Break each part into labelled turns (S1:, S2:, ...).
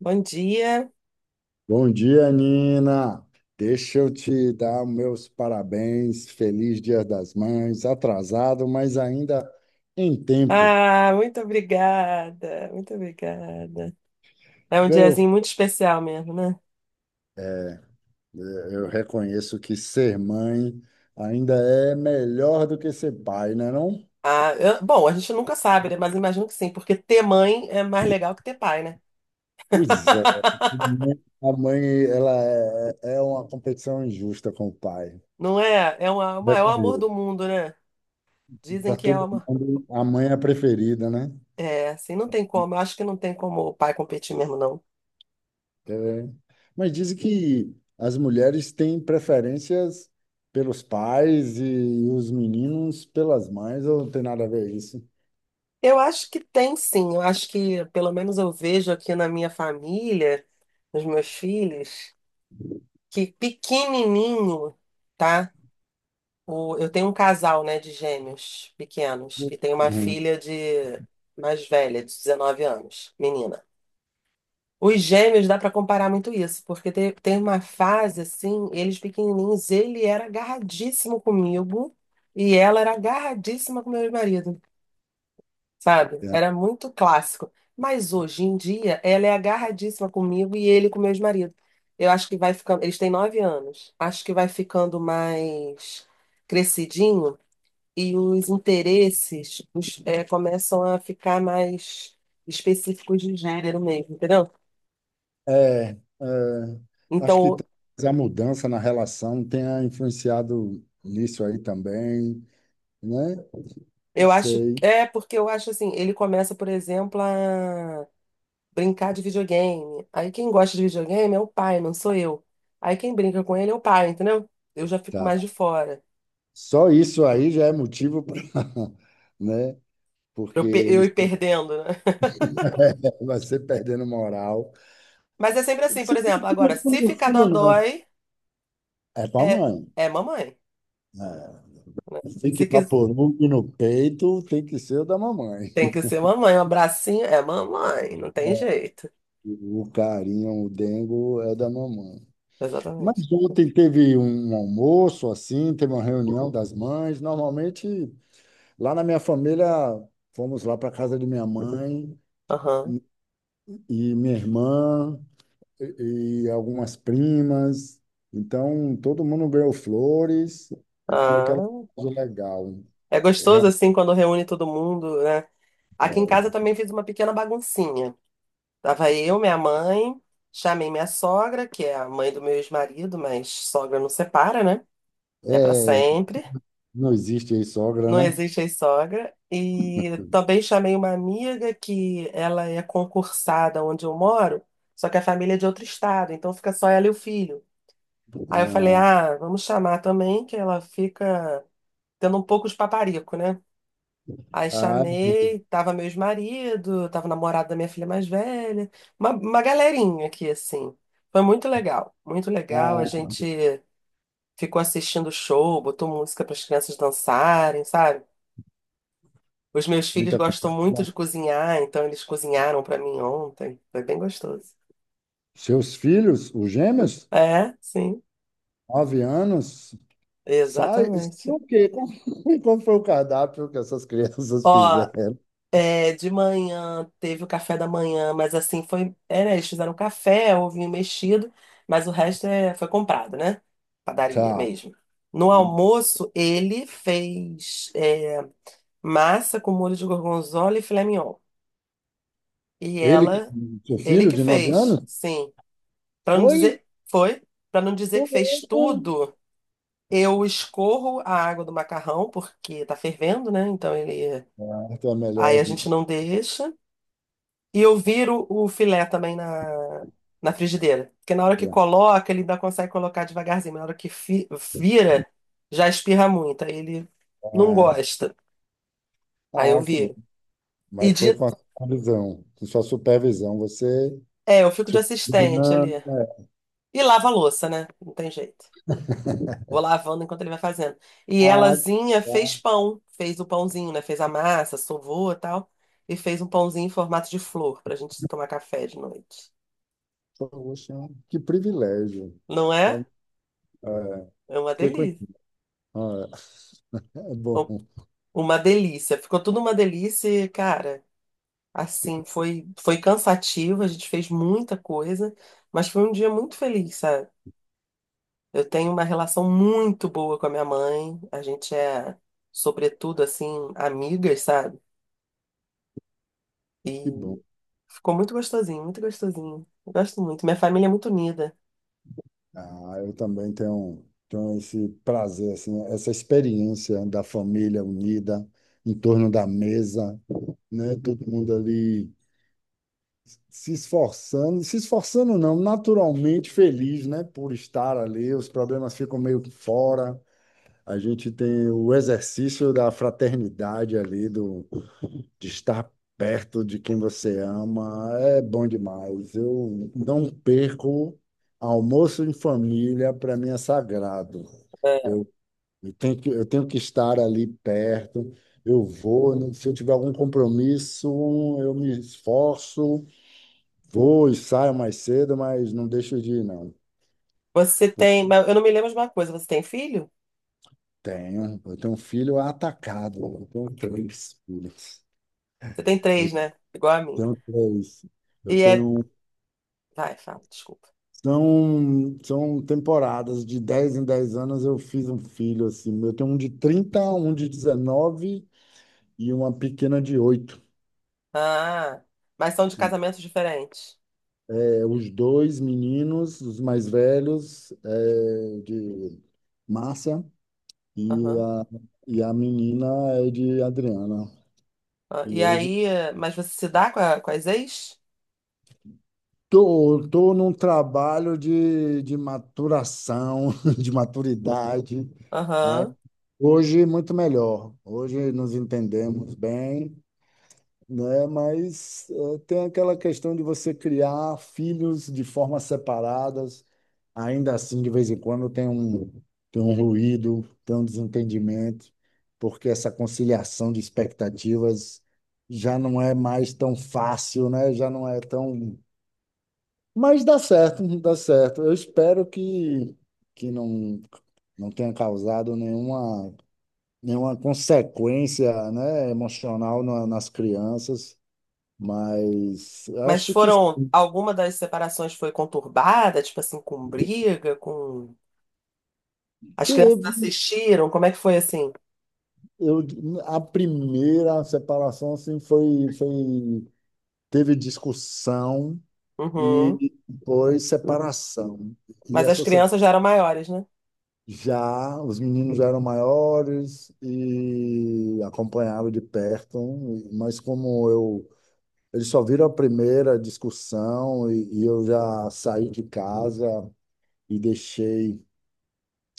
S1: Bom dia.
S2: Bom dia, Nina. Deixa eu te dar meus parabéns. Feliz Dia das Mães. Atrasado, mas ainda em tempo.
S1: Ah, muito obrigada, muito obrigada. É um
S2: Ganhou.
S1: diazinho muito especial mesmo, né?
S2: Eu reconheço que ser mãe ainda é melhor do que ser pai, né, não?
S1: Bom, a gente nunca sabe, né? Mas imagino que sim, porque ter mãe é mais legal que ter pai, né?
S2: Pois é. A mãe, ela é uma competição injusta com o pai.
S1: Não é? O maior amor do mundo, né? Dizem
S2: Para
S1: que é
S2: todo
S1: uma.
S2: mundo, a mãe é a preferida, né?
S1: É, assim, não tem como. Eu acho que não tem como o pai competir mesmo, não.
S2: É. Mas dizem que as mulheres têm preferências pelos pais e os meninos pelas mães, ou não tem nada a ver isso?
S1: Eu acho que tem sim. Eu acho que, pelo menos, eu vejo aqui na minha família, nos meus filhos, que pequenininho, tá? O, eu tenho um casal, né, de gêmeos pequenos e tenho uma
S2: Uhum.
S1: filha de mais velha, de 19 anos, menina. Os gêmeos dá pra comparar muito isso, porque tem uma fase assim, eles pequenininhos, ele era agarradíssimo comigo e ela era agarradíssima com meu marido, sabe? Era muito clássico. Mas hoje em dia, ela é agarradíssima comigo e ele com meu marido. Eu acho que vai ficando, eles têm 9 anos. Acho que vai ficando mais crescidinho e os interesses começam a ficar mais específicos de gênero mesmo, entendeu?
S2: É, é, acho que
S1: Então,
S2: talvez a mudança na relação tenha influenciado nisso aí também, né? Não
S1: eu acho.
S2: sei,
S1: É, porque eu acho assim, ele começa, por exemplo, a brincar de videogame. Aí quem gosta de videogame é o pai, não sou eu. Aí quem brinca com ele é o pai, entendeu? Eu já fico
S2: tá.
S1: mais de fora.
S2: Só isso aí já é motivo para, né? Porque
S1: Eu
S2: eles
S1: ir perdendo, né?
S2: vai ser perdendo moral.
S1: Mas é sempre
S2: Se-
S1: assim, por
S2: se-
S1: exemplo,
S2: No
S1: agora,
S2: fundo,
S1: se
S2: no
S1: ficar
S2: fundo, não.
S1: dodói,
S2: É com a
S1: é,
S2: mãe,
S1: é mamãe.
S2: né? Tem que
S1: Se quis-
S2: paporugo no peito, tem que ser o da mamãe.
S1: Tem que ser mamãe, um abracinho é mamãe, não tem jeito.
S2: O carinho, o dengo é da mamãe.
S1: Exatamente.
S2: Mas ontem teve um almoço assim, teve uma reunião das mães. Normalmente, lá na minha família, fomos lá para casa de minha mãe
S1: Aham.
S2: e minha irmã e algumas primas. Então, todo mundo ganhou flores e foi aquela
S1: Ah,
S2: coisa legal.
S1: é gostoso
S2: Realmente,
S1: assim quando reúne todo mundo, né? Aqui em
S2: olha,
S1: casa eu também fiz uma pequena baguncinha. Tava eu, minha mãe, chamei minha sogra, que é a mãe do meu ex-marido, mas sogra não separa, né? É pra
S2: é,
S1: sempre.
S2: não existe aí sogra,
S1: Não
S2: né?
S1: existe ex-sogra. E também chamei uma amiga que ela é concursada onde eu moro, só que a família é de outro estado, então fica só ela e o filho. Aí eu falei,
S2: Ah,
S1: ah, vamos chamar também, que ela fica tendo um pouco de paparico, né? Aí
S2: ah,
S1: chamei, tava meu ex-marido, tava o namorado da minha filha mais velha, uma galerinha aqui, assim. Foi muito legal, muito legal. A
S2: ah,
S1: gente ficou assistindo o show, botou música para as crianças dançarem, sabe? Os meus filhos
S2: muita
S1: gostam muito
S2: confusão.
S1: de cozinhar, então eles cozinharam para mim ontem. Foi bem gostoso.
S2: Seus filhos, os gêmeos,
S1: É, sim,
S2: 9 anos, sai. O
S1: exatamente.
S2: quê? Qual qual foi o cardápio que essas crianças
S1: Ó,
S2: fizeram?
S1: De manhã teve o café da manhã, mas assim foi. Eles fizeram café, ovinho mexido, mas o resto foi comprado, né? Padaria
S2: Tá.
S1: mesmo. No almoço, ele fez massa com molho de gorgonzola e filé mignon. E
S2: Ele,
S1: ela,
S2: seu
S1: ele
S2: filho
S1: que
S2: de nove
S1: fez,
S2: anos,
S1: sim. Para não
S2: foi?
S1: dizer, foi, Para não dizer que
S2: Foi.
S1: fez tudo, eu escorro a água do macarrão, porque tá fervendo, né? Então ele.
S2: Ah, então é melhor
S1: Aí a gente
S2: evitar.
S1: não deixa. E eu viro o filé também na frigideira. Porque na hora que coloca, ele ainda consegue colocar devagarzinho, mas na hora que vira, já espirra muito. Aí ele não
S2: Ah,
S1: gosta. Aí eu
S2: ah, que bom.
S1: viro. E
S2: Mas
S1: de,
S2: foi com a supervisão, com sua supervisão. Você
S1: eu fico de assistente ali.
S2: supervisionando, é.
S1: E lava a louça, né? Não tem jeito. Vou lavando enquanto ele vai fazendo. E
S2: Ah,
S1: elazinha fez pão. Fez o pãozinho, né? Fez a massa, sovou e tal. E fez um pãozinho em formato de flor pra gente tomar café de noite.
S2: poxa, que privilégio.
S1: Não é?
S2: Então, é,
S1: É uma
S2: fiquei com.
S1: delícia.
S2: Ah, é bom,
S1: Uma delícia, ficou tudo uma delícia, e, cara. Assim, foi cansativo, a gente fez muita coisa, mas foi um dia muito feliz, sabe? Eu tenho uma relação muito boa com a minha mãe, a gente é, sobretudo, assim, amigas, sabe?
S2: que bom.
S1: E ficou muito gostosinho, muito gostosinho. Eu gosto muito, minha família é muito unida.
S2: Ah, eu também tenho esse prazer, assim, essa experiência da família unida em torno da mesa, né? Todo mundo ali se esforçando, se esforçando não, naturalmente feliz, né? Por estar ali, os problemas ficam meio que fora. A gente tem o exercício da fraternidade ali, de estar perto de quem você ama é bom demais. Eu não perco almoço em família, para mim é sagrado.
S1: É.
S2: Eu, eu tenho que estar ali perto. Eu vou, né, se eu tiver algum compromisso, eu me esforço, vou e saio mais cedo, mas não deixo de ir, não.
S1: Você
S2: Eu
S1: tem, mas eu não me lembro de uma coisa, você tem filho?
S2: eu tenho um filho atacado, eu tenho três filhos.
S1: Você tem
S2: Eu
S1: três, né? Igual a mim.
S2: tenho três. Eu
S1: E é,
S2: tenho
S1: vai, fala, desculpa.
S2: São temporadas, de 10 em 10 anos eu fiz um filho assim. Eu tenho um de 30, um de 19 e uma pequena de 8.
S1: Ah, mas são de casamentos diferentes.
S2: É, os dois meninos, os mais velhos, é de Márcia e a, e a menina é de Adriana.
S1: Ah,
S2: E
S1: e
S2: hoje
S1: aí, mas você se dá com as ex?
S2: tô num trabalho de maturação, de maturidade. Aí,
S1: Aham.
S2: hoje muito melhor. Hoje nos entendemos bem. Né? Mas tem aquela questão de você criar filhos de formas separadas. Ainda assim, de vez em quando tem um, ruído, tem um desentendimento, porque essa conciliação de expectativas já não é mais tão fácil, né? Já não é tão. Mas dá certo, dá certo. Eu espero que não, não tenha causado nenhuma consequência, né, emocional nas crianças. Mas
S1: Mas
S2: acho que
S1: alguma das separações foi conturbada, tipo assim, com briga, com. As crianças
S2: teve.
S1: assistiram, como é que foi assim?
S2: Eu, a primeira separação assim, teve discussão
S1: Uhum.
S2: e foi separação. E
S1: Mas as
S2: essa se-
S1: crianças já eram maiores, né?
S2: Já, os meninos já eram maiores e acompanhavam de perto, mas como eu. Eles só viram a primeira discussão e eu já saí de casa e deixei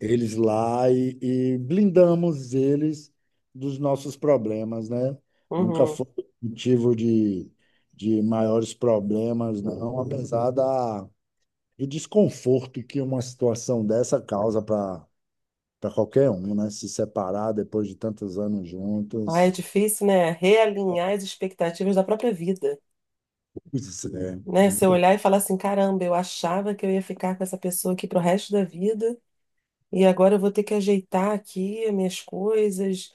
S2: eles lá e blindamos eles dos nossos problemas, né? Nunca
S1: Uhum.
S2: foi motivo de maiores problemas, não, apesar da, do desconforto que uma situação dessa causa para qualquer um, né? Se separar depois de tantos anos
S1: Ai, é
S2: juntos.
S1: difícil, né? Realinhar as expectativas da própria vida,
S2: Pois é,
S1: né? Você
S2: então,
S1: olhar e falar assim, caramba, eu achava que eu ia ficar com essa pessoa aqui pro resto da vida, e agora eu vou ter que ajeitar aqui as minhas coisas.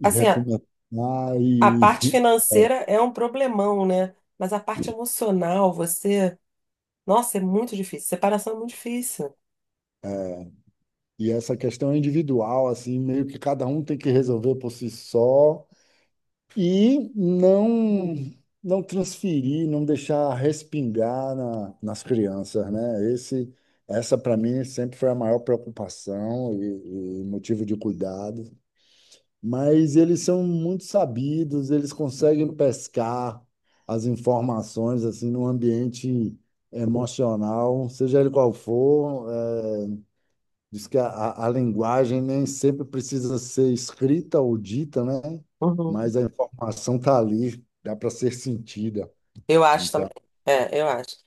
S2: e
S1: Assim,
S2: recomeçar
S1: a
S2: e,
S1: parte
S2: é,
S1: financeira é um problemão, né? Mas a parte emocional, você. Nossa, é muito difícil. Separação é muito difícil.
S2: e essa questão individual, assim, meio que cada um tem que resolver por si só e não não transferir, não deixar respingar nas crianças, né? Esse, essa para mim sempre foi a maior preocupação e motivo de cuidado. Mas eles são muito sabidos, eles conseguem pescar as informações assim num ambiente emocional, seja ele qual for, é, diz que a linguagem nem sempre precisa ser escrita ou dita, né?
S1: Uhum.
S2: Mas a informação está ali, dá para ser sentida.
S1: Eu acho também.
S2: Então,
S1: É, eu acho.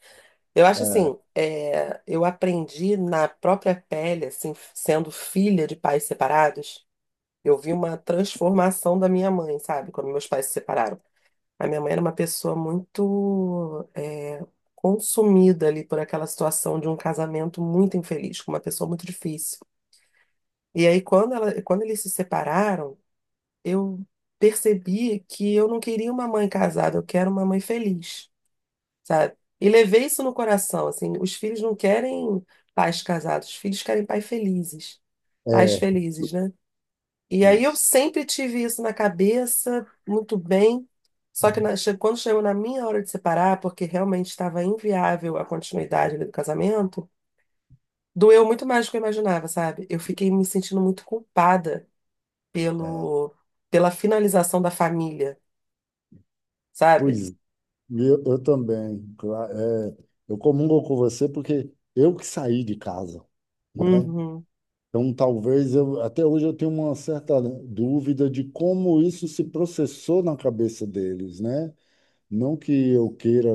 S1: Eu acho assim, eu aprendi na própria pele, assim, sendo filha de pais separados, eu vi uma transformação da minha mãe, sabe? Quando meus pais se separaram. A minha mãe era uma pessoa muito consumida ali por aquela situação de um casamento muito infeliz, com uma pessoa muito difícil. E aí, quando eles se separaram, eu percebi que eu não queria uma mãe casada, eu quero uma mãe feliz, sabe? E levei isso no coração, assim, os filhos não querem pais casados, os filhos querem pais
S2: é
S1: felizes, né? E aí eu
S2: isso.
S1: sempre tive isso na cabeça, muito bem. Só que quando chegou na minha hora de separar, porque realmente estava inviável a continuidade ali do casamento, doeu muito mais do que eu imaginava, sabe? Eu fiquei me sentindo muito culpada pelo, pela finalização da família, sabe?
S2: Pois eu também. É, eu comungo com você porque eu que saí de casa, né?
S1: Uhum,
S2: Então, talvez eu, até hoje eu tenho uma certa dúvida de como isso se processou na cabeça deles, né? Não que eu queira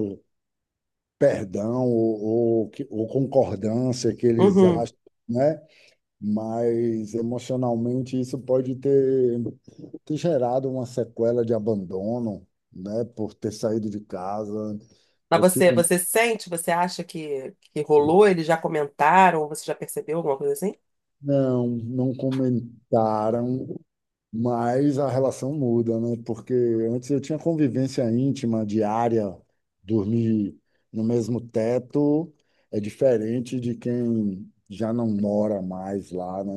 S2: perdão ou concordância que eles
S1: uhum.
S2: acham, né? Mas emocionalmente isso pode ter gerado uma sequela de abandono, né? Por ter saído de casa.
S1: Mas
S2: Eu
S1: você,
S2: fico,
S1: você sente, você acha que rolou? Eles já comentaram, você já percebeu alguma coisa assim?
S2: não, não comentaram, mas a relação muda, né? Porque antes eu tinha convivência íntima, diária, dormir no mesmo teto é diferente de quem já não mora mais lá, né?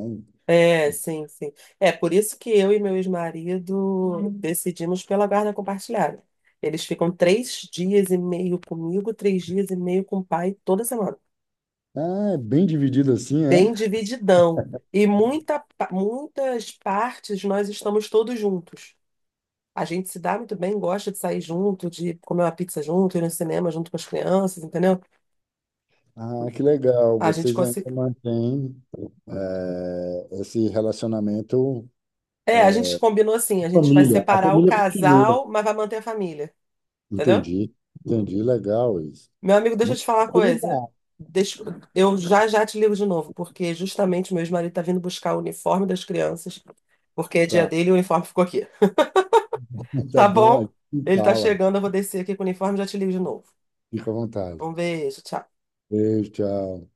S1: É, sim, sim. É por isso que eu e meu ex-marido decidimos pela guarda compartilhada. Eles ficam 3 dias e meio comigo, 3 dias e meio com o pai toda semana.
S2: Ah, é bem dividido assim, é?
S1: Bem divididão. E muitas partes nós estamos todos juntos. A gente se dá muito bem, gosta de sair junto, de comer uma pizza junto, ir no cinema junto com as crianças, entendeu?
S2: Ah, que legal.
S1: A gente
S2: Vocês ainda
S1: consi.
S2: mantêm esse relacionamento.
S1: É, a gente combinou assim, a gente vai
S2: Família. A
S1: separar o
S2: família continua.
S1: casal, mas vai manter a família, entendeu?
S2: Entendi. Entendi. Legal isso.
S1: Meu amigo, deixa eu
S2: Muito
S1: te falar uma coisa.
S2: maturidade.
S1: Deixa- Eu já já te ligo de novo, porque justamente meu ex-marido tá vindo buscar o uniforme das crianças, porque é dia
S2: Tá,
S1: dele e o uniforme ficou aqui.
S2: tá
S1: Tá
S2: bom, a
S1: bom?
S2: gente
S1: Ele tá
S2: fala.
S1: chegando, eu vou descer aqui com o uniforme e já te ligo de novo.
S2: Fica à vontade.
S1: Um beijo, tchau.
S2: Beijo, tchau.